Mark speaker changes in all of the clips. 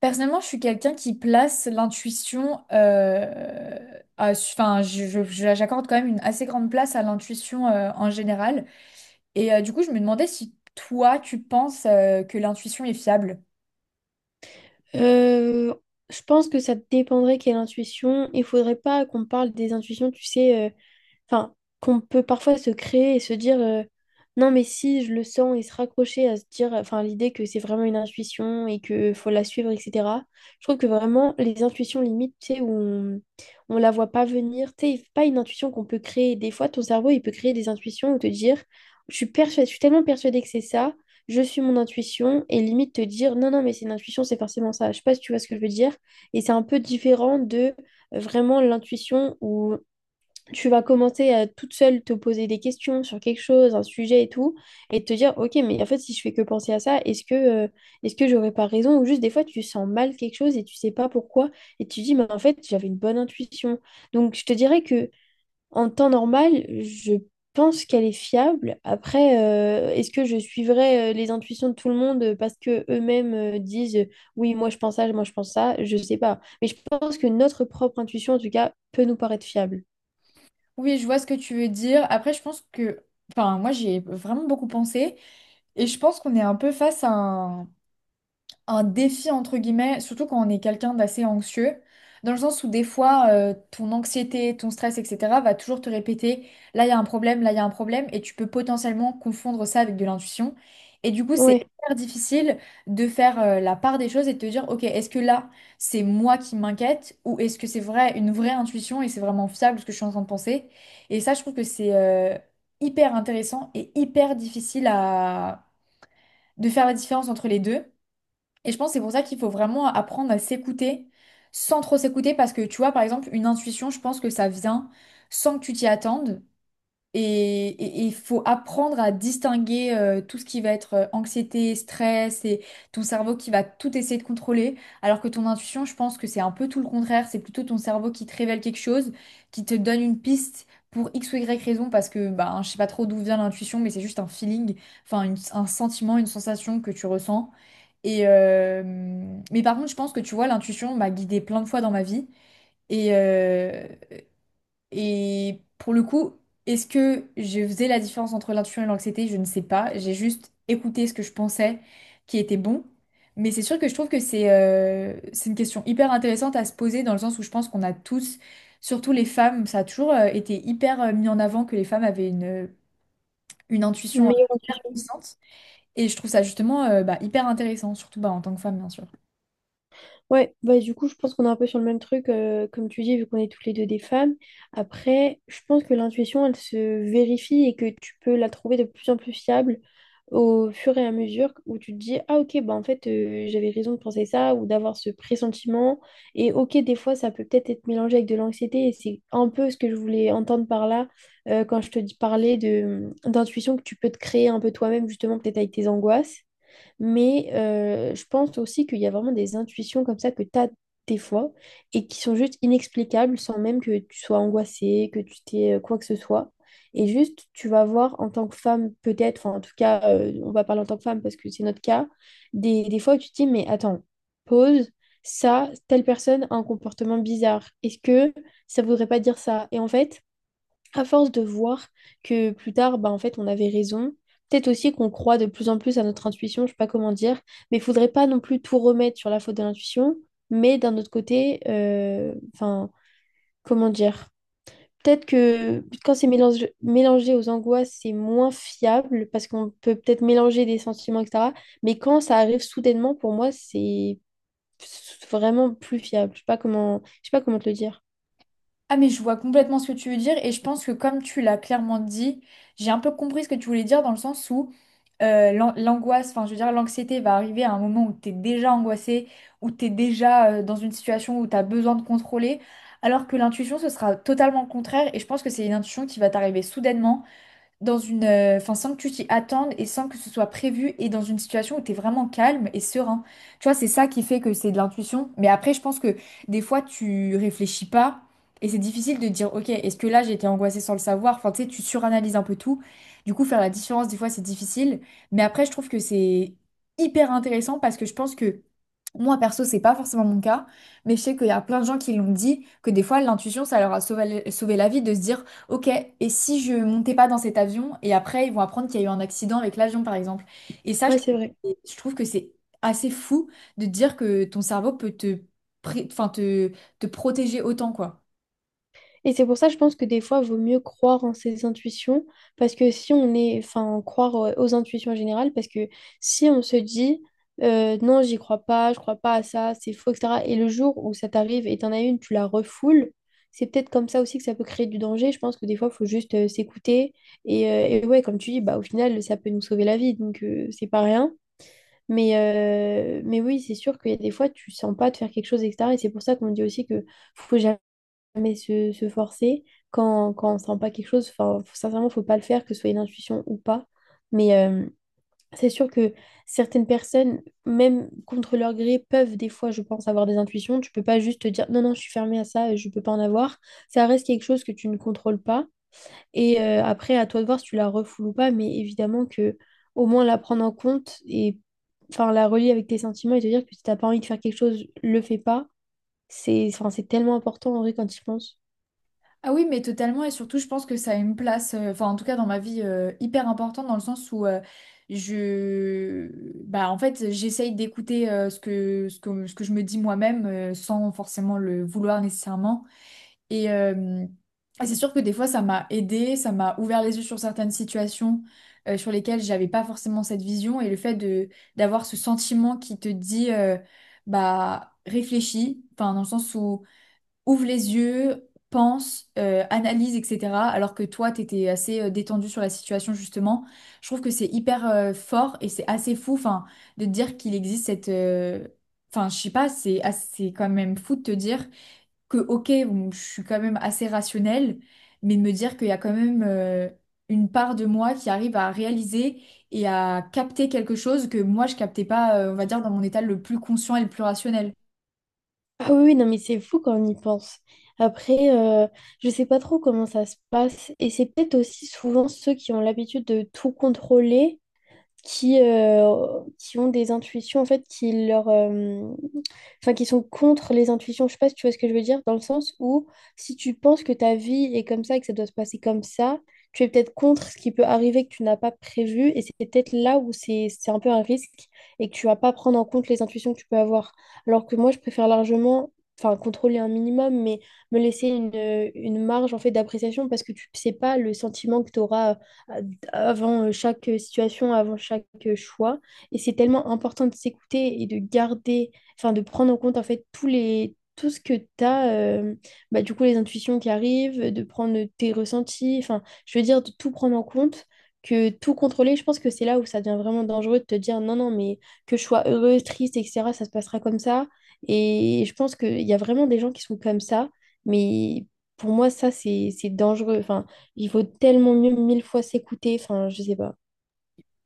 Speaker 1: Personnellement, je suis quelqu'un qui place l'intuition, j'accorde quand même une assez grande place à l'intuition en général. Du coup, je me demandais si toi, tu penses que l'intuition est fiable.
Speaker 2: Euh, je pense que ça dépendrait quelle intuition. Il faudrait pas qu'on parle des intuitions, tu sais, enfin, qu'on peut parfois se créer et se dire non, mais si je le sens et se raccrocher à se dire, enfin, l'idée que c'est vraiment une intuition et que faut la suivre, etc. Je trouve que vraiment les intuitions limites, tu sais, où on la voit pas venir, tu sais, pas une intuition qu'on peut créer. Des fois, ton cerveau, il peut créer des intuitions ou te dire, je suis persuadée, je suis tellement persuadée que c'est ça, je suis mon intuition et limite te dire non, non, mais c'est une intuition, c'est forcément ça. Je sais pas si tu vois ce que je veux dire. Et c'est un peu différent de vraiment l'intuition où tu vas commencer à toute seule te poser des questions sur quelque chose, un sujet et tout, et te dire ok, mais en fait, si je fais que penser à ça, est-ce que j'aurais pas raison? Ou juste des fois, tu sens mal quelque chose et tu sais pas pourquoi, et tu dis, mais en fait, j'avais une bonne intuition. Donc, je te dirais que en temps normal, je pense qu'elle est fiable. Après, est-ce que je suivrai les intuitions de tout le monde parce que eux-mêmes disent oui, moi je pense ça, moi je pense ça, je sais pas. Mais je pense que notre propre intuition, en tout cas, peut nous paraître fiable.
Speaker 1: Oui, je vois ce que tu veux dire. Après, je pense que, enfin, moi, j'y ai vraiment beaucoup pensé et je pense qu'on est un peu face à un défi entre guillemets, surtout quand on est quelqu'un d'assez anxieux, dans le sens où des fois ton anxiété, ton stress, etc. va toujours te répéter là il y a un problème, là il y a un problème, et tu peux potentiellement confondre ça avec de l'intuition. Et du coup, c'est
Speaker 2: Ouais,
Speaker 1: hyper difficile de faire la part des choses et de te dire, ok, est-ce que là c'est moi qui m'inquiète ou est-ce que c'est vrai, une vraie intuition et c'est vraiment fiable ce que je suis en train de penser? Et ça, je trouve que c'est hyper intéressant et hyper difficile à... de faire la différence entre les deux. Et je pense que c'est pour ça qu'il faut vraiment apprendre à s'écouter sans trop s'écouter parce que tu vois, par exemple, une intuition, je pense que ça vient sans que tu t'y attendes. Et il faut apprendre à distinguer tout ce qui va être anxiété, stress et ton cerveau qui va tout essayer de contrôler. Alors que ton intuition, je pense que c'est un peu tout le contraire. C'est plutôt ton cerveau qui te révèle quelque chose, qui te donne une piste pour X ou Y raison parce que ben, je sais pas trop d'où vient l'intuition, mais c'est juste un feeling, enfin un sentiment, une sensation que tu ressens. Et euh, mais par contre, je pense que tu vois, l'intuition m'a guidée plein de fois dans ma vie. Et, euh, et pour le coup, est-ce que je faisais la différence entre l'intuition et l'anxiété? Je ne sais pas. J'ai juste écouté ce que je pensais qui était bon. Mais c'est sûr que je trouve que c'est une question hyper intéressante à se poser dans le sens où je pense qu'on a tous, surtout les femmes, ça a toujours été hyper mis en avant que les femmes avaient une
Speaker 2: une
Speaker 1: intuition
Speaker 2: meilleure
Speaker 1: hyper
Speaker 2: intuition.
Speaker 1: puissante. Et je trouve ça justement bah, hyper intéressant, surtout bah, en tant que femme, bien sûr.
Speaker 2: Ouais, bah du coup, je pense qu'on est un peu sur le même truc, comme tu dis, vu qu'on est toutes les deux des femmes. Après, je pense que l'intuition, elle se vérifie et que tu peux la trouver de plus en plus fiable au fur et à mesure où tu te dis, ah ok, bah en fait, j'avais raison de penser ça ou d'avoir ce pressentiment. Et ok, des fois, ça peut peut-être être mélangé avec de l'anxiété et c'est un peu ce que je voulais entendre par là quand je parlais d'intuition que tu peux te créer un peu toi-même, justement, peut-être avec tes angoisses. Mais je pense aussi qu'il y a vraiment des intuitions comme ça que tu as des fois et qui sont juste inexplicables sans même que tu sois angoissée, que tu t'aies quoi que ce soit. Et juste, tu vas voir en tant que femme, peut-être, enfin en tout cas, on va parler en tant que femme parce que c'est notre cas, des fois où tu te dis, mais attends, pause, ça, telle personne a un comportement bizarre. Est-ce que ça voudrait pas dire ça? Et en fait, à force de voir que plus tard, bah, en fait, on avait raison. Peut-être aussi qu'on croit de plus en plus à notre intuition, je sais pas comment dire, mais il faudrait pas non plus tout remettre sur la faute de l'intuition. Mais d'un autre côté, enfin, comment dire? Peut-être que quand c'est mélangé aux angoisses, c'est moins fiable parce qu'on peut peut-être mélanger des sentiments, etc. Mais quand ça arrive soudainement, pour moi, c'est vraiment plus fiable. Je sais pas comment, je sais pas comment te le dire.
Speaker 1: Ah mais je vois complètement ce que tu veux dire et je pense que comme tu l'as clairement dit, j'ai un peu compris ce que tu voulais dire dans le sens où l'angoisse, enfin je veux dire l'anxiété va arriver à un moment où t'es déjà angoissé, où t'es déjà dans une situation où t'as besoin de contrôler, alors que l'intuition ce sera totalement le contraire et je pense que c'est une intuition qui va t'arriver soudainement dans enfin, sans que tu t'y attendes et sans que ce soit prévu et dans une situation où tu es vraiment calme et serein. Tu vois, c'est ça qui fait que c'est de l'intuition. Mais après, je pense que des fois, tu réfléchis pas et c'est difficile de dire, ok, est-ce que là, j'ai été angoissée sans le savoir? Enfin, tu sais, tu suranalyses un peu tout. Du coup, faire la différence, des fois, c'est difficile. Mais après, je trouve que c'est hyper intéressant parce que je pense que moi, perso, c'est pas forcément mon cas, mais je sais qu'il y a plein de gens qui l'ont dit, que des fois, l'intuition, ça leur a sauvé, sauvé la vie de se dire, ok, et si je montais pas dans cet avion et après ils vont apprendre qu'il y a eu un accident avec l'avion par exemple. Et ça,
Speaker 2: Ouais, c'est vrai.
Speaker 1: je trouve que c'est assez fou de te dire que ton cerveau peut enfin, te protéger autant quoi.
Speaker 2: Et c'est pour ça, je pense que des fois, il vaut mieux croire en ses intuitions, parce que si on est, enfin, croire aux intuitions générales, parce que si on se dit, non, j'y crois pas, je crois pas à ça, c'est faux, etc., et le jour où ça t'arrive et t'en as une, tu la refoules, c'est peut-être comme ça aussi que ça peut créer du danger. Je pense que des fois, il faut juste s'écouter, et ouais, comme tu dis, bah, au final, ça peut nous sauver la vie, donc c'est pas rien. Mais oui, c'est sûr qu'il y a des fois, tu sens pas de faire quelque chose, etc. Et c'est pour ça qu'on dit aussi que faut jamais jamais se forcer quand, quand on sent pas quelque chose. Enfin, sincèrement, faut pas le faire, que ce soit une intuition ou pas. Mais c'est sûr que certaines personnes, même contre leur gré, peuvent des fois, je pense, avoir des intuitions. Tu peux pas juste te dire non, non, je suis fermée à ça, je peux pas en avoir. Ça reste quelque chose que tu ne contrôles pas. Et après, à toi de voir si tu la refoules ou pas. Mais évidemment que au moins la prendre en compte et enfin la relier avec tes sentiments et te dire que si t'as pas envie de faire quelque chose, le fais pas. C'est enfin, c'est tellement important en vrai quand tu y penses.
Speaker 1: Ah oui, mais totalement et surtout je pense que ça a une place, enfin en tout cas dans ma vie hyper importante dans le sens où je, bah en fait j'essaye d'écouter ce que je me dis moi-même sans forcément le vouloir nécessairement. Et, euh, et c'est sûr que des fois, ça m'a aidé, ça m'a ouvert les yeux sur certaines situations sur lesquelles j'avais pas forcément cette vision. Et le fait de d'avoir ce sentiment qui te dit, bah, réfléchis, enfin, dans le sens où ouvre les yeux, pense, analyse, etc. Alors que toi, t'étais assez détendu sur la situation, justement. Je trouve que c'est hyper fort et c'est assez fou, enfin, de te dire qu'il existe cette... Enfin, je sais pas, c'est assez quand même fou de te dire que ok, bon, je suis quand même assez rationnelle, mais de me dire qu'il y a quand même une part de moi qui arrive à réaliser et à capter quelque chose que moi je captais pas, on va dire, dans mon état le plus conscient et le plus rationnel.
Speaker 2: Ah oui, oui, non, mais c'est fou quand on y pense. Après, je sais pas trop comment ça se passe. Et c'est peut-être aussi souvent ceux qui ont l'habitude de tout contrôler qui ont des intuitions en fait qui leur enfin qui sont contre les intuitions. Je sais pas si tu vois ce que je veux dire, dans le sens où si tu penses que ta vie est comme ça et que ça doit se passer comme ça, tu es peut-être contre ce qui peut arriver que tu n'as pas prévu et c'est peut-être là où c'est un peu un risque et que tu vas pas prendre en compte les intuitions que tu peux avoir. Alors que moi, je préfère largement, enfin, contrôler un minimum, mais me laisser une marge en fait d'appréciation parce que tu sais pas le sentiment que tu auras euh, avant chaque situation, avant chaque choix. Et c'est tellement important de s'écouter et de garder, enfin de prendre en compte en fait tout ce que tu as, bah, du coup les intuitions qui arrivent, de prendre tes ressentis, enfin je veux dire de tout prendre en compte. Que tout contrôler, je pense que c'est là où ça devient vraiment dangereux de te dire non, non, mais que je sois heureuse, triste, etc., ça se passera comme ça. Et je pense qu'il y a vraiment des gens qui sont comme ça, mais pour moi, ça, c'est dangereux. Enfin, il vaut tellement mieux mille fois s'écouter. Enfin, je sais pas.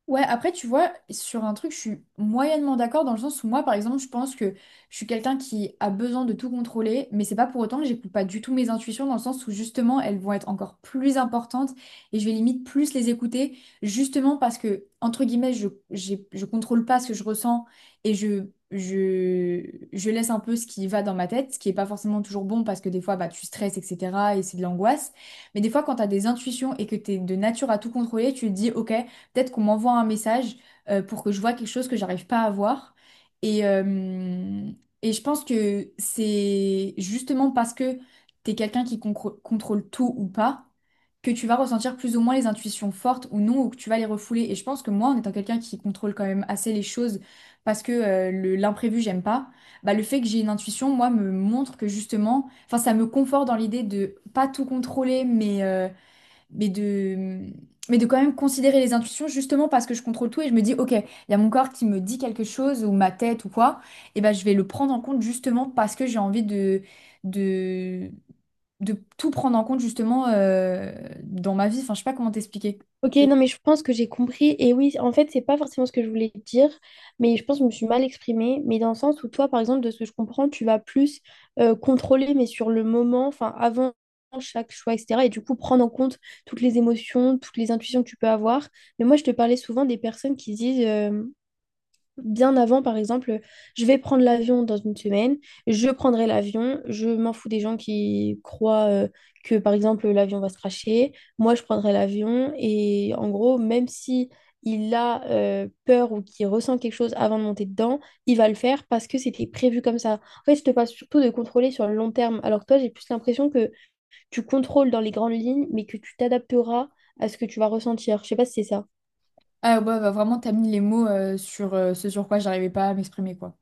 Speaker 1: Ouais, après, tu vois, sur un truc, je suis moyennement d'accord dans le sens où moi, par exemple, je pense que je suis quelqu'un qui a besoin de tout contrôler, mais c'est pas pour autant que j'écoute pas du tout mes intuitions dans le sens où justement, elles vont être encore plus importantes et je vais limite plus les écouter justement parce que, entre guillemets, je contrôle pas ce que je ressens et je, je laisse un peu ce qui va dans ma tête, ce qui est pas forcément toujours bon parce que des fois, bah, tu stresses, etc. et c'est de l'angoisse. Mais des fois, quand tu as des intuitions et que tu es de nature à tout contrôler, tu te dis, OK peut-être qu'on m'envoie un message pour que je vois quelque chose que j'arrive pas à voir. Et, euh, et je pense que c'est justement parce que t'es quelqu'un qui concro- contrôle tout ou pas que tu vas ressentir plus ou moins les intuitions fortes ou non, ou que tu vas les refouler. Et je pense que moi, en étant quelqu'un qui contrôle quand même assez les choses, parce que l'imprévu, j'aime pas, bah, le fait que j'ai une intuition, moi, me montre que justement, enfin, ça me conforte dans l'idée de pas tout contrôler, mais de, mais de quand même considérer les intuitions justement parce que je contrôle tout et je me dis, ok, il y a mon corps qui me dit quelque chose ou ma tête ou quoi, et ben je vais le prendre en compte justement parce que j'ai envie de, de tout prendre en compte justement dans ma vie. Enfin, je sais pas comment t'expliquer.
Speaker 2: Ok, non, mais je pense que j'ai compris. Et oui, en fait, c'est pas forcément ce que je voulais dire, mais je pense que je me suis mal exprimée. Mais dans le sens où toi, par exemple, de ce que je comprends, tu vas plus contrôler, mais sur le moment, enfin, avant chaque choix, etc. Et du coup, prendre en compte toutes les émotions, toutes les intuitions que tu peux avoir. Mais moi, je te parlais souvent des personnes qui disent bien avant, par exemple, je vais prendre l'avion dans une semaine, je prendrai l'avion, je m'en fous des gens qui croient que, par exemple, l'avion va se crasher. Moi, je prendrai l'avion et en gros, même si il a peur ou qu'il ressent quelque chose avant de monter dedans, il va le faire parce que c'était prévu comme ça. En fait, je te parle surtout de contrôler sur le long terme, alors que toi, j'ai plus l'impression que tu contrôles dans les grandes lignes, mais que tu t'adapteras à ce que tu vas ressentir. Je sais pas si c'est ça.
Speaker 1: Ah ouais, bah, vraiment, t'as mis les mots sur ce sur quoi j'arrivais pas à m'exprimer, quoi.